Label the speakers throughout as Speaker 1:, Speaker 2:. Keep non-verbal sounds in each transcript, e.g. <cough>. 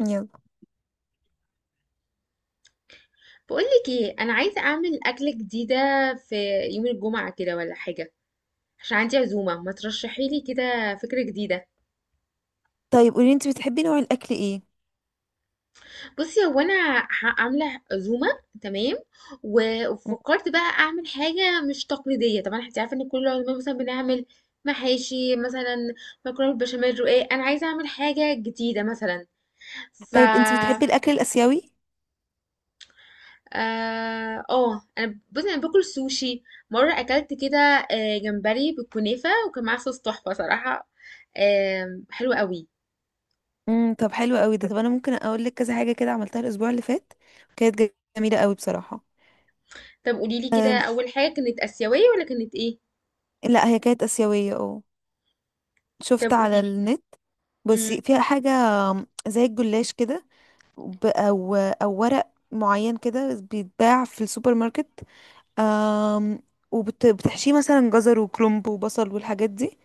Speaker 1: يلا.
Speaker 2: بقولك ايه، انا عايزه اعمل اكله جديده في يوم الجمعه كده ولا حاجه، عشان عندي عزومه. ما ترشحي لي كده فكره جديده.
Speaker 1: طيب، قولي انت بتحبي نوع الاكل ايه؟
Speaker 2: بصي، هو انا عامله عزومه، تمام، وفكرت بقى اعمل حاجه مش تقليديه. طبعا انت عارفه ان كل العزومات مثلا بنعمل محاشي مثلا، مكرونه بالبشاميل، رقاق. انا عايزه اعمل حاجه جديده مثلا. ف...
Speaker 1: طيب، انت بتحبي الاكل الاسيوي؟
Speaker 2: اه، انا بص انا باكل سوشي. مره اكلت كده جمبري بالكنافه، وكان معاه صوص تحفه صراحه. حلو قوي.
Speaker 1: طب حلو قوي ده. طب انا ممكن اقول لك كذا حاجه كده عملتها الاسبوع اللي فات. كانت جميله قوي بصراحه.
Speaker 2: طب قولي لي كده،
Speaker 1: أم
Speaker 2: اول حاجه كانت اسيويه ولا كانت ايه؟
Speaker 1: لا، هي كانت اسيويه اه.
Speaker 2: طب
Speaker 1: شفت
Speaker 2: قولي
Speaker 1: على
Speaker 2: لي.
Speaker 1: النت.
Speaker 2: امم.
Speaker 1: بصي، فيها حاجه زي الجلاش كده، او ورق معين كده بيتباع في السوبر ماركت. أم وبتحشيه مثلا جزر وكرنب وبصل والحاجات دي،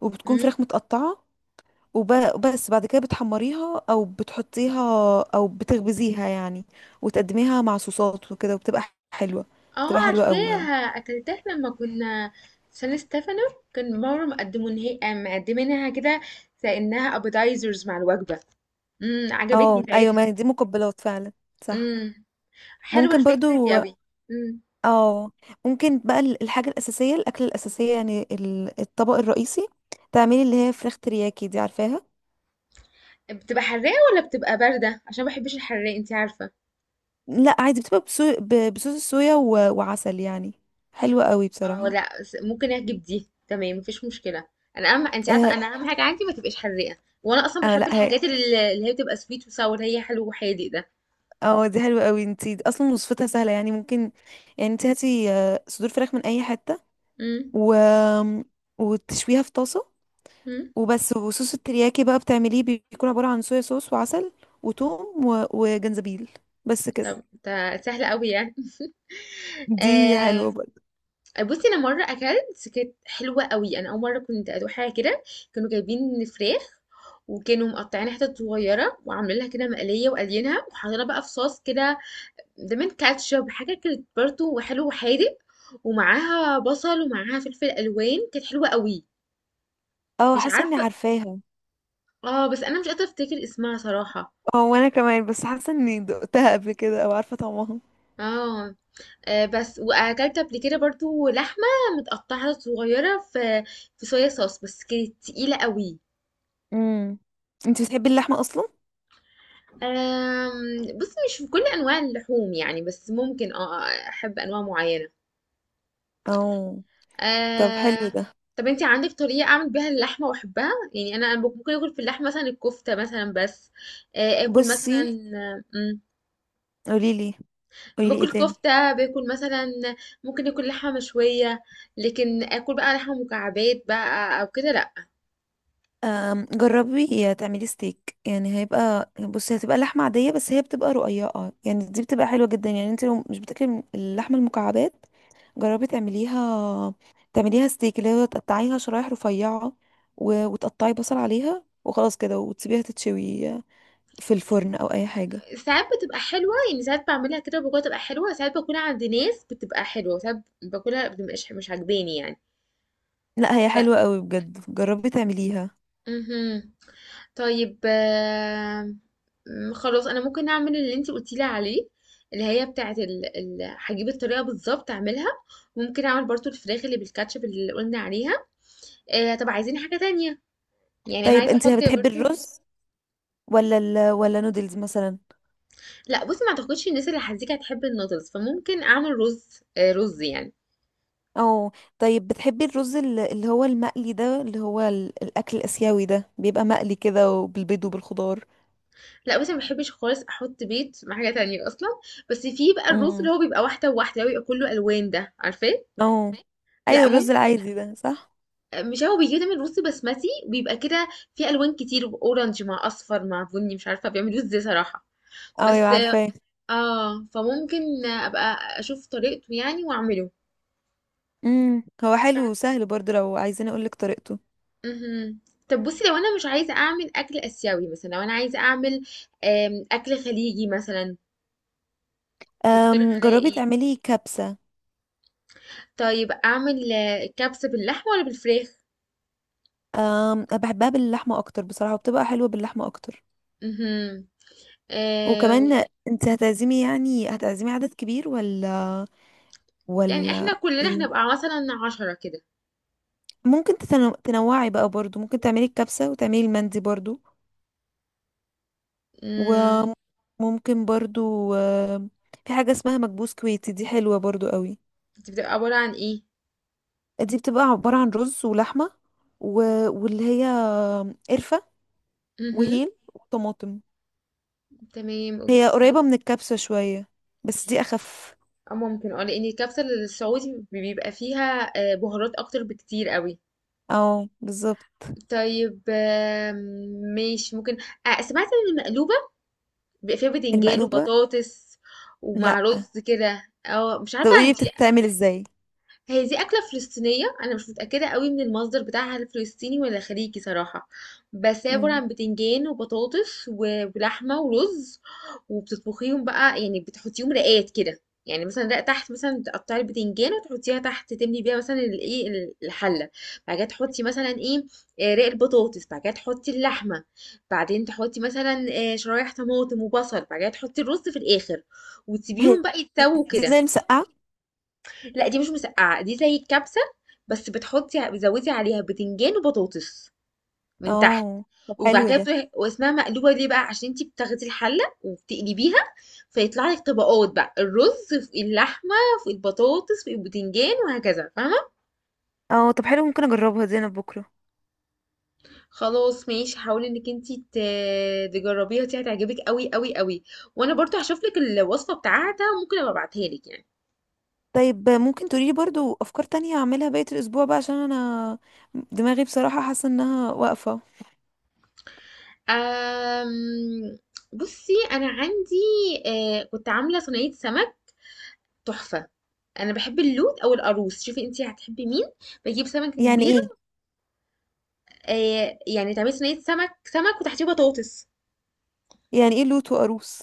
Speaker 1: وبتكون
Speaker 2: امم.
Speaker 1: فراخ متقطعه. وبس بعد كده بتحمريها او بتحطيها، او بتخبزيها يعني، وتقدميها مع صوصات وكده وبتبقى حلوة. بتبقى
Speaker 2: اه
Speaker 1: حلوة قوي يعني.
Speaker 2: عارفاها، اكلتها لما كنا في سان ستيفانو. كان مره مقدمينها كده، كانها ابيتايزرز مع الوجبه. امم، عجبتني
Speaker 1: اه، ايوه، ما
Speaker 2: ساعتها.
Speaker 1: هي دي مقبلات فعلا. صح.
Speaker 2: امم، حلوه
Speaker 1: ممكن
Speaker 2: الفكره دي
Speaker 1: برضو.
Speaker 2: قوي.
Speaker 1: اه. ممكن بقى الحاجة الأساسية، الأكلة الأساسية يعني الطبق الرئيسي، تعملي اللي هي فراخ ترياكي دي، عارفاها؟
Speaker 2: بتبقى حراقة ولا بتبقى باردة؟ عشان ما بحبش الحراق، انت عارفة.
Speaker 1: لا، عادي، بتبقى بصوص الصويا وعسل يعني. حلوة قوي
Speaker 2: اه
Speaker 1: بصراحة.
Speaker 2: لا، بس ممكن اجيب دي، تمام، مفيش مشكلة. انا اهم، انت عارفة
Speaker 1: اه،
Speaker 2: انا اهم حاجة عندي ما تبقاش حراقة. وانا اصلا
Speaker 1: آه،
Speaker 2: بحب
Speaker 1: لا.
Speaker 2: الحاجات اللي هي بتبقى سويت وساور، هي حلو وحادق ده.
Speaker 1: اه، دي حلوة قوي، انتي اصلا وصفتها سهلة يعني ممكن. يعني انتي هاتي صدور فراخ من اي حتة،
Speaker 2: امم.
Speaker 1: و... وتشويها في طاسة.
Speaker 2: امم.
Speaker 1: وبس، وصوص الترياكي بقى بتعمليه بيكون عبارة عن صويا صوص وعسل، وتوم وجنزبيل. بس كده.
Speaker 2: طب ده سهل قوي يعني. <laughs>
Speaker 1: دي حلوة
Speaker 2: آه.
Speaker 1: برضه.
Speaker 2: بصي انا مره اكلت كانت حلوه قوي، انا اول مره كنت ادوق حاجه كده. كانوا جايبين فراخ، وكانوا مقطعين حتت صغيره وعاملين لها كده مقليه وقالينها وحاطينها بقى في صوص كده، دمن كاتشب حاجة كانت برضه، وحلو وحادق ومعاها بصل ومعاها فلفل ألوان. كانت حلوة قوي.
Speaker 1: اه،
Speaker 2: مش
Speaker 1: حاسة اني
Speaker 2: عارفة.
Speaker 1: عارفاها.
Speaker 2: اه بس أنا مش قادرة أفتكر اسمها صراحة.
Speaker 1: اه، وانا كمان، بس حاسة اني دقتها قبل كده او عارفة طعمها.
Speaker 2: اه، بس وأكلت قبل كده برضه لحمة متقطعة صغيرة في في صويا صوص، بس كانت تقيلة قوي.
Speaker 1: امم انتي بتحبي اللحمة اصلا؟
Speaker 2: بصي مش في كل أنواع اللحوم يعني، بس ممكن اه، أحب أنواع معينة.
Speaker 1: اه، طب حلو
Speaker 2: آه...
Speaker 1: ده.
Speaker 2: طب انت عندك طريقة اعمل بيها اللحمة واحبها يعني؟ انا ممكن اكل في اللحمة مثلا الكفتة مثلا بس. اكل
Speaker 1: بصي.
Speaker 2: مثلا. مم،
Speaker 1: قوليلي قوليلي ايه
Speaker 2: باكل
Speaker 1: تاني؟
Speaker 2: كفتة، باكل مثلا، ممكن اكل لحمة مشوية. لكن اكل بقى لحمة مكعبات بقى او كده، لا.
Speaker 1: جربي تعملي ستيك، يعني هيبقى، بصي هتبقى لحمة عادية، بس هي بتبقى رقيقة يعني، دي بتبقى حلوة جدا يعني، انت لو مش بتاكلي من اللحمة المكعبات جربي تعمليها. تعمليها ستيك اللي هو تقطعيها شرايح رفيعة، وتقطعي بصل عليها وخلاص كده وتسيبيها تتشوي في الفرن او اي حاجة.
Speaker 2: ساعات بتبقى حلوة يعني، ساعات بعملها كده وباكلها تبقى حلوة، ساعات باكلها عند ناس بتبقى حلوة، ساعات باكلها بتبقاش مش عاجباني يعني.
Speaker 1: لا، هي
Speaker 2: ف...
Speaker 1: حلوة قوي بجد، جربي تعمليها.
Speaker 2: مهم. طيب خلاص انا ممكن اعمل اللي انتي قلتيلي عليه، اللي هي بتاعه هجيب الطريقه بالظبط اعملها. ممكن اعمل برضو الفراخ اللي بالكاتشب اللي قلنا عليها. آه، طب عايزين حاجه تانية؟ يعني انا
Speaker 1: طيب،
Speaker 2: عايزه
Speaker 1: انت
Speaker 2: احط
Speaker 1: بتحبي
Speaker 2: برضو.
Speaker 1: الرز ولا ولا نودلز مثلا؟
Speaker 2: لا بصي، ما اعتقدش الناس اللي هتزيك هتحب النودلز، فممكن اعمل رز. آه، رز يعني.
Speaker 1: اه. طيب، بتحبي الرز اللي هو المقلي ده، اللي هو الاكل الاسيوي ده بيبقى مقلي كده وبالبيض وبالخضار؟
Speaker 2: لا بس ما بحبش خالص احط بيض مع حاجه تانية اصلا. بس في بقى الرز اللي هو
Speaker 1: عارفاه.
Speaker 2: بيبقى واحده وواحده، اللي هو بيبقى كله الوان، ده عارفاه.
Speaker 1: اه،
Speaker 2: لا.
Speaker 1: ايوه، الرز العادي ده صح.
Speaker 2: مش هو بيجيب دايما رز بسمتي وبيبقى كده، فيه الوان كتير، اورنج مع اصفر مع بني، مش عارفه بيعملوه ازاي صراحه.
Speaker 1: اه، ايوه،
Speaker 2: بس
Speaker 1: عارفاه.
Speaker 2: اه، فممكن ابقى اشوف طريقته يعني واعمله.
Speaker 1: هو حلو
Speaker 2: بعد.
Speaker 1: وسهل برضو لو عايزين اقولك طريقته.
Speaker 2: مهم. طب بصي، لو انا مش عايزه اعمل اكل اسيوي مثلا، لو انا عايزه اعمل اكل خليجي مثلا، تقترح عليا
Speaker 1: جربي
Speaker 2: ايه؟
Speaker 1: تعملي كبسة.
Speaker 2: طيب اعمل كبسه باللحمه ولا بالفراخ؟
Speaker 1: بحبها باللحمة اكتر بصراحة، وبتبقى حلوة باللحمة اكتر.
Speaker 2: امم. آه.
Speaker 1: وكمان انت هتعزمي، يعني هتعزمي عدد كبير ولا
Speaker 2: يعني احنا
Speaker 1: ولا
Speaker 2: كلنا
Speaker 1: ايه؟
Speaker 2: هنبقى مثلا عشرة كده.
Speaker 1: ممكن تنوعي بقى برضو، ممكن تعملي الكبسة وتعملي المندي برضو.
Speaker 2: امم.
Speaker 1: وممكن برضو في حاجة اسمها مكبوس كويتي، دي حلوة برضو قوي.
Speaker 2: بتبقى عباره عن ايه؟
Speaker 1: دي بتبقى عبارة عن رز ولحمة و... واللي هي قرفة
Speaker 2: مهم.
Speaker 1: وهيل وطماطم.
Speaker 2: تمام
Speaker 1: هي
Speaker 2: يعني.
Speaker 1: قريبة من الكبسة شوية، بس دي أخف.
Speaker 2: اه ممكن، اه لان الكبسة السعودي بيبقى فيها بهارات اكتر بكتير قوي.
Speaker 1: اه، بالظبط.
Speaker 2: طيب ماشي ممكن. سمعت ان المقلوبة بيبقى فيها بتنجان
Speaker 1: المقلوبة؟
Speaker 2: وبطاطس ومع
Speaker 1: لأ.
Speaker 2: رز كده، اه مش
Speaker 1: طب
Speaker 2: عارفة
Speaker 1: قولي
Speaker 2: عندي.
Speaker 1: بتتعمل ازاي؟
Speaker 2: هي دي أكلة فلسطينية، أنا مش متأكدة قوي من المصدر بتاعها، هل فلسطيني ولا خليجي صراحة. بس هي عبارة
Speaker 1: مم.
Speaker 2: عن بتنجان وبطاطس ولحمة ورز. وبتطبخيهم بقى يعني، بتحطيهم رقات كده. يعني مثلا رق تحت، مثلا تقطعي البتنجان وتحطيها تحت، تملي بيها مثلا الايه الحلة. بعد كده تحطي مثلا ايه، رق البطاطس. بعد كده تحطي اللحمة. بعدين تحطي مثلا شرايح طماطم وبصل. بعد كده تحطي الرز في الآخر،
Speaker 1: هي
Speaker 2: وتسيبيهم بقى يتسووا
Speaker 1: دي
Speaker 2: كده.
Speaker 1: زي المسقعة؟
Speaker 2: لا دي مش مسقعه، دي زي الكبسه، بس بتحطي، بتزودي عليها بتنجان وبطاطس من تحت.
Speaker 1: اه، طب
Speaker 2: وبعد
Speaker 1: حلو
Speaker 2: كده
Speaker 1: ده.
Speaker 2: واسمها مقلوبه ليه بقى؟ عشان انتي بتاخدي الحله وبتقلبيها، فيطلع لك طبقات بقى، الرز في اللحمه في البطاطس في البتنجان وهكذا، فاهمه.
Speaker 1: اه، طب حلو، ممكن اجربها دي انا بكرة.
Speaker 2: خلاص ماشي، حاولي انك انتي تجربيها، دي هتعجبك قوي قوي قوي. وانا برضو هشوف لك الوصفه بتاعتها، ممكن ابقى ابعتها لك يعني.
Speaker 1: طيب، ممكن تقوليلي برضو افكار تانية اعملها بقية الاسبوع بقى، عشان انا دماغي بصراحة حاسة انها واقفة.
Speaker 2: أم... بصي انا عندي، آه كنت عامله صينيه سمك تحفة. انا بحب اللوت او القاروص، شوفي انتي هتحبي مين. بجيب سمكة
Speaker 1: يعني
Speaker 2: كبيرة.
Speaker 1: ايه؟
Speaker 2: آه يعني تعملي صينية سمك، سمك وتحتيه بطاطس.
Speaker 1: يعني ايه لوت وقاروص؟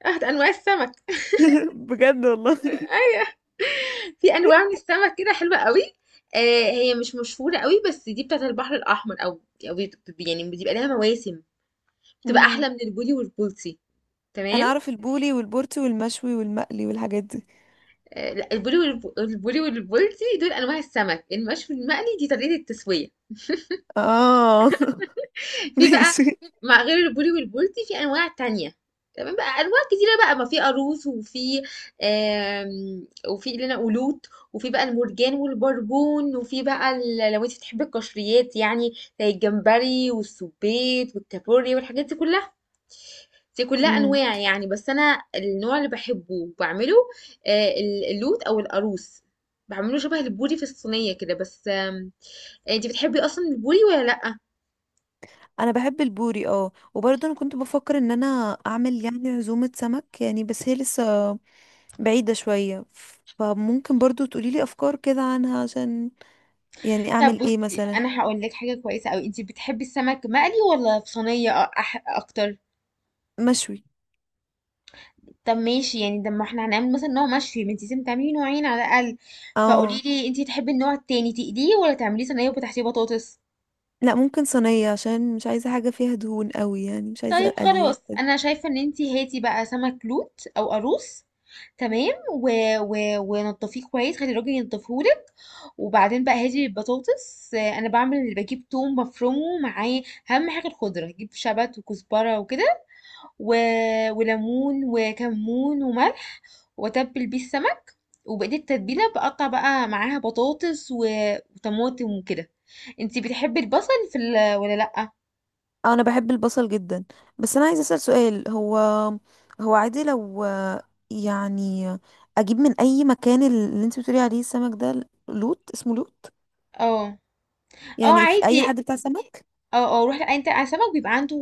Speaker 2: <laughs> اه ده انواع السمك. <laughs>
Speaker 1: <laughs> بجد والله؟
Speaker 2: ايوه في انواع من السمك كده حلوة قوي. آه هي مش مشهورة قوي، بس دي بتاعت البحر الاحمر او او يعني بيبقى لها مواسم. بتبقى
Speaker 1: امم
Speaker 2: احلى من البولي والبولتي.
Speaker 1: انا
Speaker 2: تمام.
Speaker 1: اعرف البولي والبورتي والمشوي والمقلي والحاجات دي.
Speaker 2: آه لا، البولي البولي والبولتي دول انواع السمك. المشوي المقلي دي طريقة التسوية.
Speaker 1: اه، <laughs>
Speaker 2: في بقى،
Speaker 1: ماشي.
Speaker 2: مع غير البولي والبولتي في انواع تانية. تمام، بقى انواع كتيره بقى، ما في قاروص، وفي وفي اللي انا قلوت، وفي بقى المرجان والبربون، وفي بقى لو انت بتحبي القشريات يعني زي الجمبري والسبيط والكابوريا والحاجات دي كلها، دي كلها
Speaker 1: امم
Speaker 2: انواع يعني. بس انا النوع اللي بحبه وبعمله اللوت او القاروص. بعمله شبه البوري في الصينيه كده، بس انت بتحبي اصلا البوري ولا لا؟
Speaker 1: انا بحب البوري، اه، وبرضه انا كنت بفكر ان انا اعمل يعني عزومة سمك يعني، بس هي لسه بعيدة شوية. فممكن برضه تقوليلي افكار كده عنها، عشان يعني
Speaker 2: طب
Speaker 1: اعمل ايه
Speaker 2: بصي
Speaker 1: مثلا؟
Speaker 2: انا هقول لك حاجه كويسه قوي، انتي بتحبي السمك مقلي ولا في صينيه أ- أح اكتر؟
Speaker 1: مشوي.
Speaker 2: طب ماشي يعني، ده ما احنا هنعمل مثلا نوع مشوي، ما انتي لازم تعملي نوعين على الاقل. فقولي
Speaker 1: اه.
Speaker 2: لي انتي تحبي النوع التاني، تقليه ولا تعمليه صينيه وتحتيه بطاطس؟
Speaker 1: لا، ممكن صينية، عشان مش عايزة حاجة فيها دهون قوي يعني، مش عايزة
Speaker 2: طيب
Speaker 1: اليو
Speaker 2: خلاص،
Speaker 1: وكده.
Speaker 2: انا شايفه ان انتي هاتي بقى سمك لوت او قاروص، تمام. ونضفيه كويس، خلي الراجل ينضفهولك. وبعدين بقى هاتي البطاطس. انا بعمل، بجيب توم مفرومه معاه. اهم حاجه الخضره، جيب شبت وكزبره وكده، و... وليمون وكمون وملح. واتبل بيه السمك. وبقيت التتبيله بقطع بقى معاها بطاطس وطماطم وكده. انتي بتحبي البصل في ولا لا؟
Speaker 1: اه، انا بحب البصل جدا. بس انا عايزة اسأل سؤال، هو هو عادي لو يعني، اجيب من اي مكان اللي انت بتقولي عليه السمك ده، لوت اسمه لوت؟
Speaker 2: اه. اه
Speaker 1: يعني في اي
Speaker 2: عادي.
Speaker 1: حد بتاع سمك؟
Speaker 2: اه اه روح، لأ، انت على سمك بيبقى عنده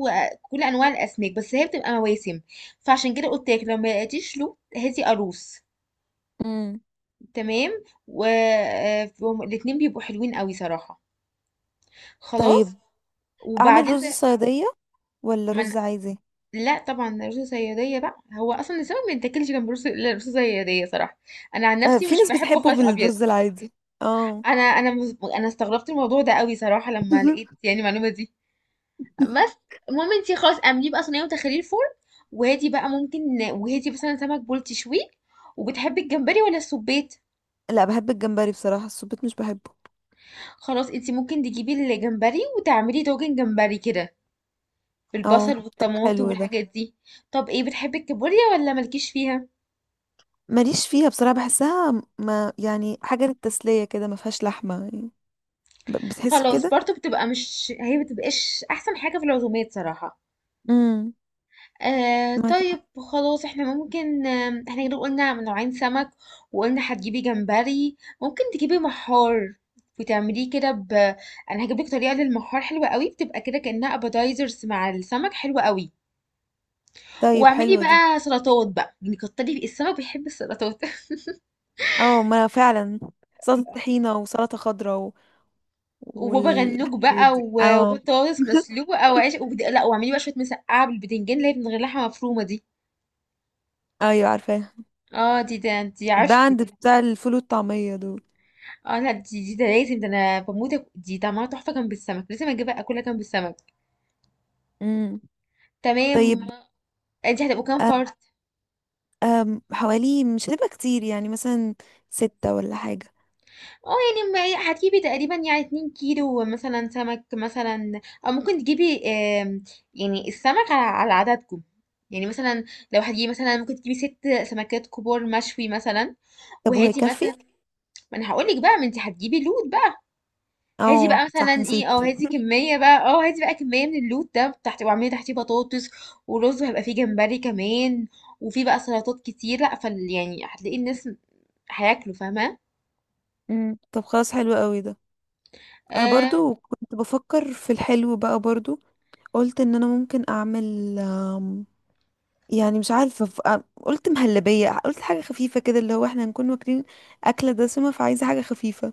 Speaker 2: كل انواع الاسماك، بس هي بتبقى مواسم. فعشان كده قلت لك، لما لقيتيش له هاتي قاروص.
Speaker 1: امم
Speaker 2: تمام، والاتنين بيبقوا حلوين قوي صراحه. خلاص.
Speaker 1: طيب، اعمل
Speaker 2: وبعدين
Speaker 1: رز صيادية ولا
Speaker 2: ما
Speaker 1: رز عادي؟
Speaker 2: لا طبعا، ده رز صياديه بقى، هو اصلا السمك ما بيتاكلش جنب رز. لا، رز صياديه صراحه. انا عن نفسي
Speaker 1: في
Speaker 2: مش
Speaker 1: ناس
Speaker 2: بحبه
Speaker 1: بتحبه
Speaker 2: خالص ابيض.
Speaker 1: بالرز العادي. اه،
Speaker 2: انا استغربت الموضوع ده قوي صراحه لما
Speaker 1: <laughs>
Speaker 2: لقيت يعني المعلومه دي. بس المهم انتي خلاص اعمليه بقى صينيه وتخليه الفرن. وهاتي بقى ممكن، وهاتي مثلا سمك بول تشويه. وبتحبي الجمبري ولا السبيت؟
Speaker 1: لا، بحب الجمبري بصراحة، السبيط مش بحبه.
Speaker 2: خلاص انتي ممكن تجيبي الجمبري وتعملي طاجن جمبري كده
Speaker 1: اه،
Speaker 2: بالبصل
Speaker 1: طب
Speaker 2: والطماطم
Speaker 1: حلو ده.
Speaker 2: والحاجات دي. طب ايه، بتحبي الكابوريا ولا مالكيش فيها؟
Speaker 1: ماليش فيها بصراحة، بحسها ما يعني حاجة للتسلية كده، ما فيهاش لحمة يعني، بتحس
Speaker 2: خلاص
Speaker 1: بكده.
Speaker 2: برضو، بتبقى مش، هي بتبقاش احسن حاجة في العزومات صراحة.
Speaker 1: امم
Speaker 2: آه
Speaker 1: معاك.
Speaker 2: طيب. خلاص احنا ممكن، آه احنا كده قلنا من نوعين سمك، وقلنا هتجيبي جمبري، ممكن تجيبي محار وتعمليه كده، ب انا هجيب لك طريقه للمحار حلوه قوي، بتبقى كده كانها ابيتايزرز مع السمك، حلوه قوي.
Speaker 1: طيب،
Speaker 2: واعملي
Speaker 1: حلوة دي.
Speaker 2: بقى سلطات بقى، يعني كتري السمك بيحب السلطات. <laughs>
Speaker 1: اه، ما فعلا. سلطة طحينة وسلطة خضراء
Speaker 2: وبابا غنوج
Speaker 1: والحاجات
Speaker 2: بقى
Speaker 1: دي، اه.
Speaker 2: وبطاطس
Speaker 1: <laughs>
Speaker 2: مسلوقه وعيش لا، واعملي بقى شويه مسقعه بالبتنجان اللي هي من غير لحمه مفرومه دي.
Speaker 1: ايوه، عارفاها.
Speaker 2: اه دي، ده دي
Speaker 1: بتتباع
Speaker 2: عشقي
Speaker 1: عند
Speaker 2: دي.
Speaker 1: بتاع الفول والطعمية دول.
Speaker 2: اه لا دي، دي ده لازم، ده انا بموت، دي طعمها تحفه جنب السمك، لازم اجيبها اكلها جنب السمك.
Speaker 1: امم
Speaker 2: تمام.
Speaker 1: طيب.
Speaker 2: انت هتبقوا كام فرد؟
Speaker 1: حوالي مش هتبقى كتير يعني، مثلا ستة ولا حاجة.
Speaker 2: اه يعني، هتجيبي تقريبا يعني 2 كيلو مثلا سمك مثلا، او ممكن تجيبي آم، يعني السمك على على عددكم يعني. مثلا لو هتجيبي مثلا، ممكن تجيبي ست سمكات كبار مشوي مثلا.
Speaker 1: طب
Speaker 2: وهاتي
Speaker 1: وهيكفي؟
Speaker 2: مثلا. ما انا هقول لك بقى، ما انت هتجيبي لود بقى. هاتي
Speaker 1: اه،
Speaker 2: بقى مثلا
Speaker 1: صح، نسيت.
Speaker 2: ايه، اه هاتي كمية بقى، اه هاتي بقى كمية من اللوت ده تحت، واعملي تحتيه بطاطس ورز، وهيبقى فيه جمبري كمان. وفي بقى سلطات كتير، لا فال يعني، هتلاقي الناس هياكلوا، فاهمة.
Speaker 1: طب خلاص، حلو قوي ده. انا
Speaker 2: آه.
Speaker 1: برضو كنت بفكر في الحلو بقى برضو، قلت ان انا ممكن اعمل يعني مش عارفه قلت مهلبيه، قلت حاجه خفيفه كده اللي هو احنا هنكون واكلين اكله دسمه، فعايزه حاجه خفيفه.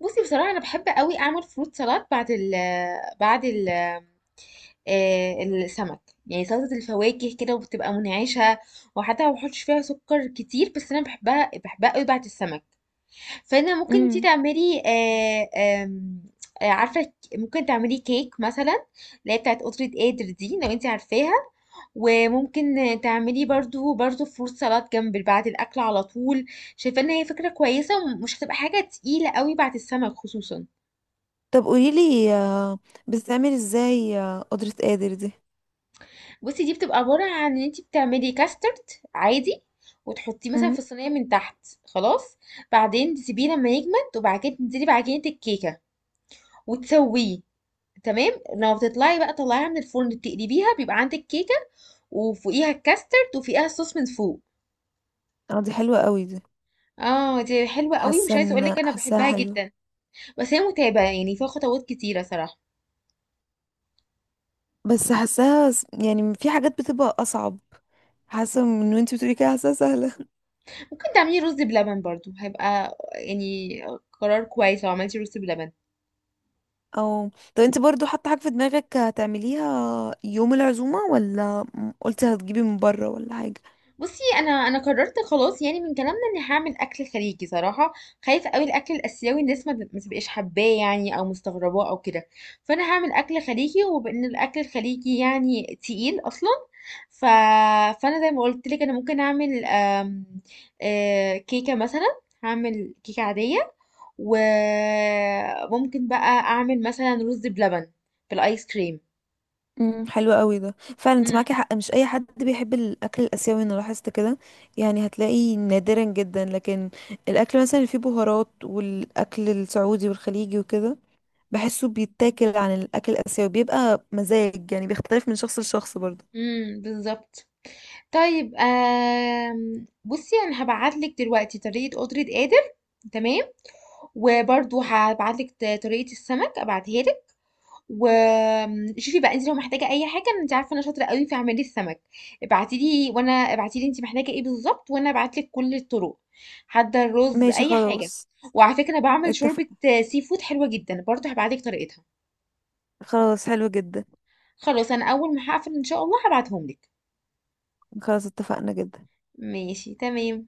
Speaker 2: بصي بصراحة انا بحب قوي اعمل فروت سلطات بعد ال، بعد ال آه السمك. يعني سلطة الفواكه كده، وبتبقى منعشة، وحتى ما بحطش فيها سكر كتير، بس انا بحبها، بحبها قوي بعد السمك. فانا ممكن انت
Speaker 1: امم
Speaker 2: تعملي آه، آم، آه، عارفه ك- ممكن تعملي كيك مثلا، اللي هي بتاعت قطرة قادر دي لو انت عارفاها. وممكن تعملي برضو فروت سلطات جنب بعد الاكل على طول. شايفه ان هي فكره كويسه ومش هتبقى حاجه تقيله قوي بعد السمك خصوصا.
Speaker 1: طب قوليلي بتتعمل ازاي قدرة قادر دي؟
Speaker 2: بصي دي بتبقى عباره عن ان انت بتعملي كاسترد عادي، وتحطيه مثلا
Speaker 1: امم
Speaker 2: في الصينيه من تحت. خلاص. بعدين تسيبيه لما يجمد، وبعد كده تنزلي بعجينه الكيكه وتسويه. تمام، لما بتطلعي بقى طلعيها من الفرن، تقلبيها، بيبقى عندك كيكه، وفوقيها الكاسترد وفوقيها الصوص من فوق.
Speaker 1: اه، دي حلوة قوي دي.
Speaker 2: اه دي حلوه قوي، مش
Speaker 1: حاسة
Speaker 2: عايزه اقول
Speaker 1: ان
Speaker 2: لك انا
Speaker 1: حاساها
Speaker 2: بحبها
Speaker 1: حلوة.
Speaker 2: جدا. بس هي متعبه يعني، فيها خطوات كتيره صراحه.
Speaker 1: بس حاساها يعني في حاجات بتبقى اصعب، حاسة من وانتي بتقولي كده حاساها سهلة.
Speaker 2: ممكن تعملي رز بلبن برضو، هيبقى يعني قرار كويس لو عملتي رز بلبن.
Speaker 1: او، طب انت برضو حاطه حاجه في دماغك هتعمليها يوم العزومه، ولا قلتي هتجيبي من بره ولا حاجه؟
Speaker 2: بصي انا قررت خلاص، يعني من كلامنا اني هعمل اكل خليجي صراحه. خايفه قوي الاكل الاسيوي الناس ما تبقاش حباه يعني، او مستغرباه او كده. فانا هعمل اكل خليجي، وبان الاكل الخليجي يعني تقيل اصلا. ف... فانا زي ما قلت لك، انا ممكن اعمل كيكه مثلا، هعمل كيكه عاديه. وممكن بقى اعمل مثلا رز بلبن بالايس كريم.
Speaker 1: حلو قوي ده، فعلا انت معاكي حق، مش اي حد بيحب الاكل الاسيوي، انا لاحظت كده. يعني هتلاقي نادرا جدا، لكن الاكل مثلا اللي فيه بهارات، والاكل السعودي والخليجي وكده، بحسه بيتاكل عن الاكل الاسيوي، بيبقى مزاج يعني بيختلف من شخص لشخص برضو.
Speaker 2: امم، بالظبط. طيب بُصّي أنا هابعت لِك دلوقتي طريقة قُدرة قادر، تمام، وبرضه هابعت لِك طريقة السمك أبعتها لِك. شوفي بقى أنتِ لو محتاجة أي حاجة. أنتِ عارفة أنا شاطرة أوي في عمايل السمك. ابعتي لي، وأنا ابعتي لي أنتِ محتاجة إيه بالضبط وأنا أبعت لِك كل الطرق، حتى الرز،
Speaker 1: ماشي،
Speaker 2: أي حاجة.
Speaker 1: خلاص.
Speaker 2: وعلى فكرة أنا باعمل
Speaker 1: اتفق.
Speaker 2: شوربة seafood حلوة جدًا، برضه هابعت لِك طريقتها.
Speaker 1: خلاص، حلو جدا.
Speaker 2: خلاص أنا أول ما هاقفل إن شاء الله هابعتهم لِك.
Speaker 1: خلاص، اتفقنا جدا.
Speaker 2: ماشي تمام.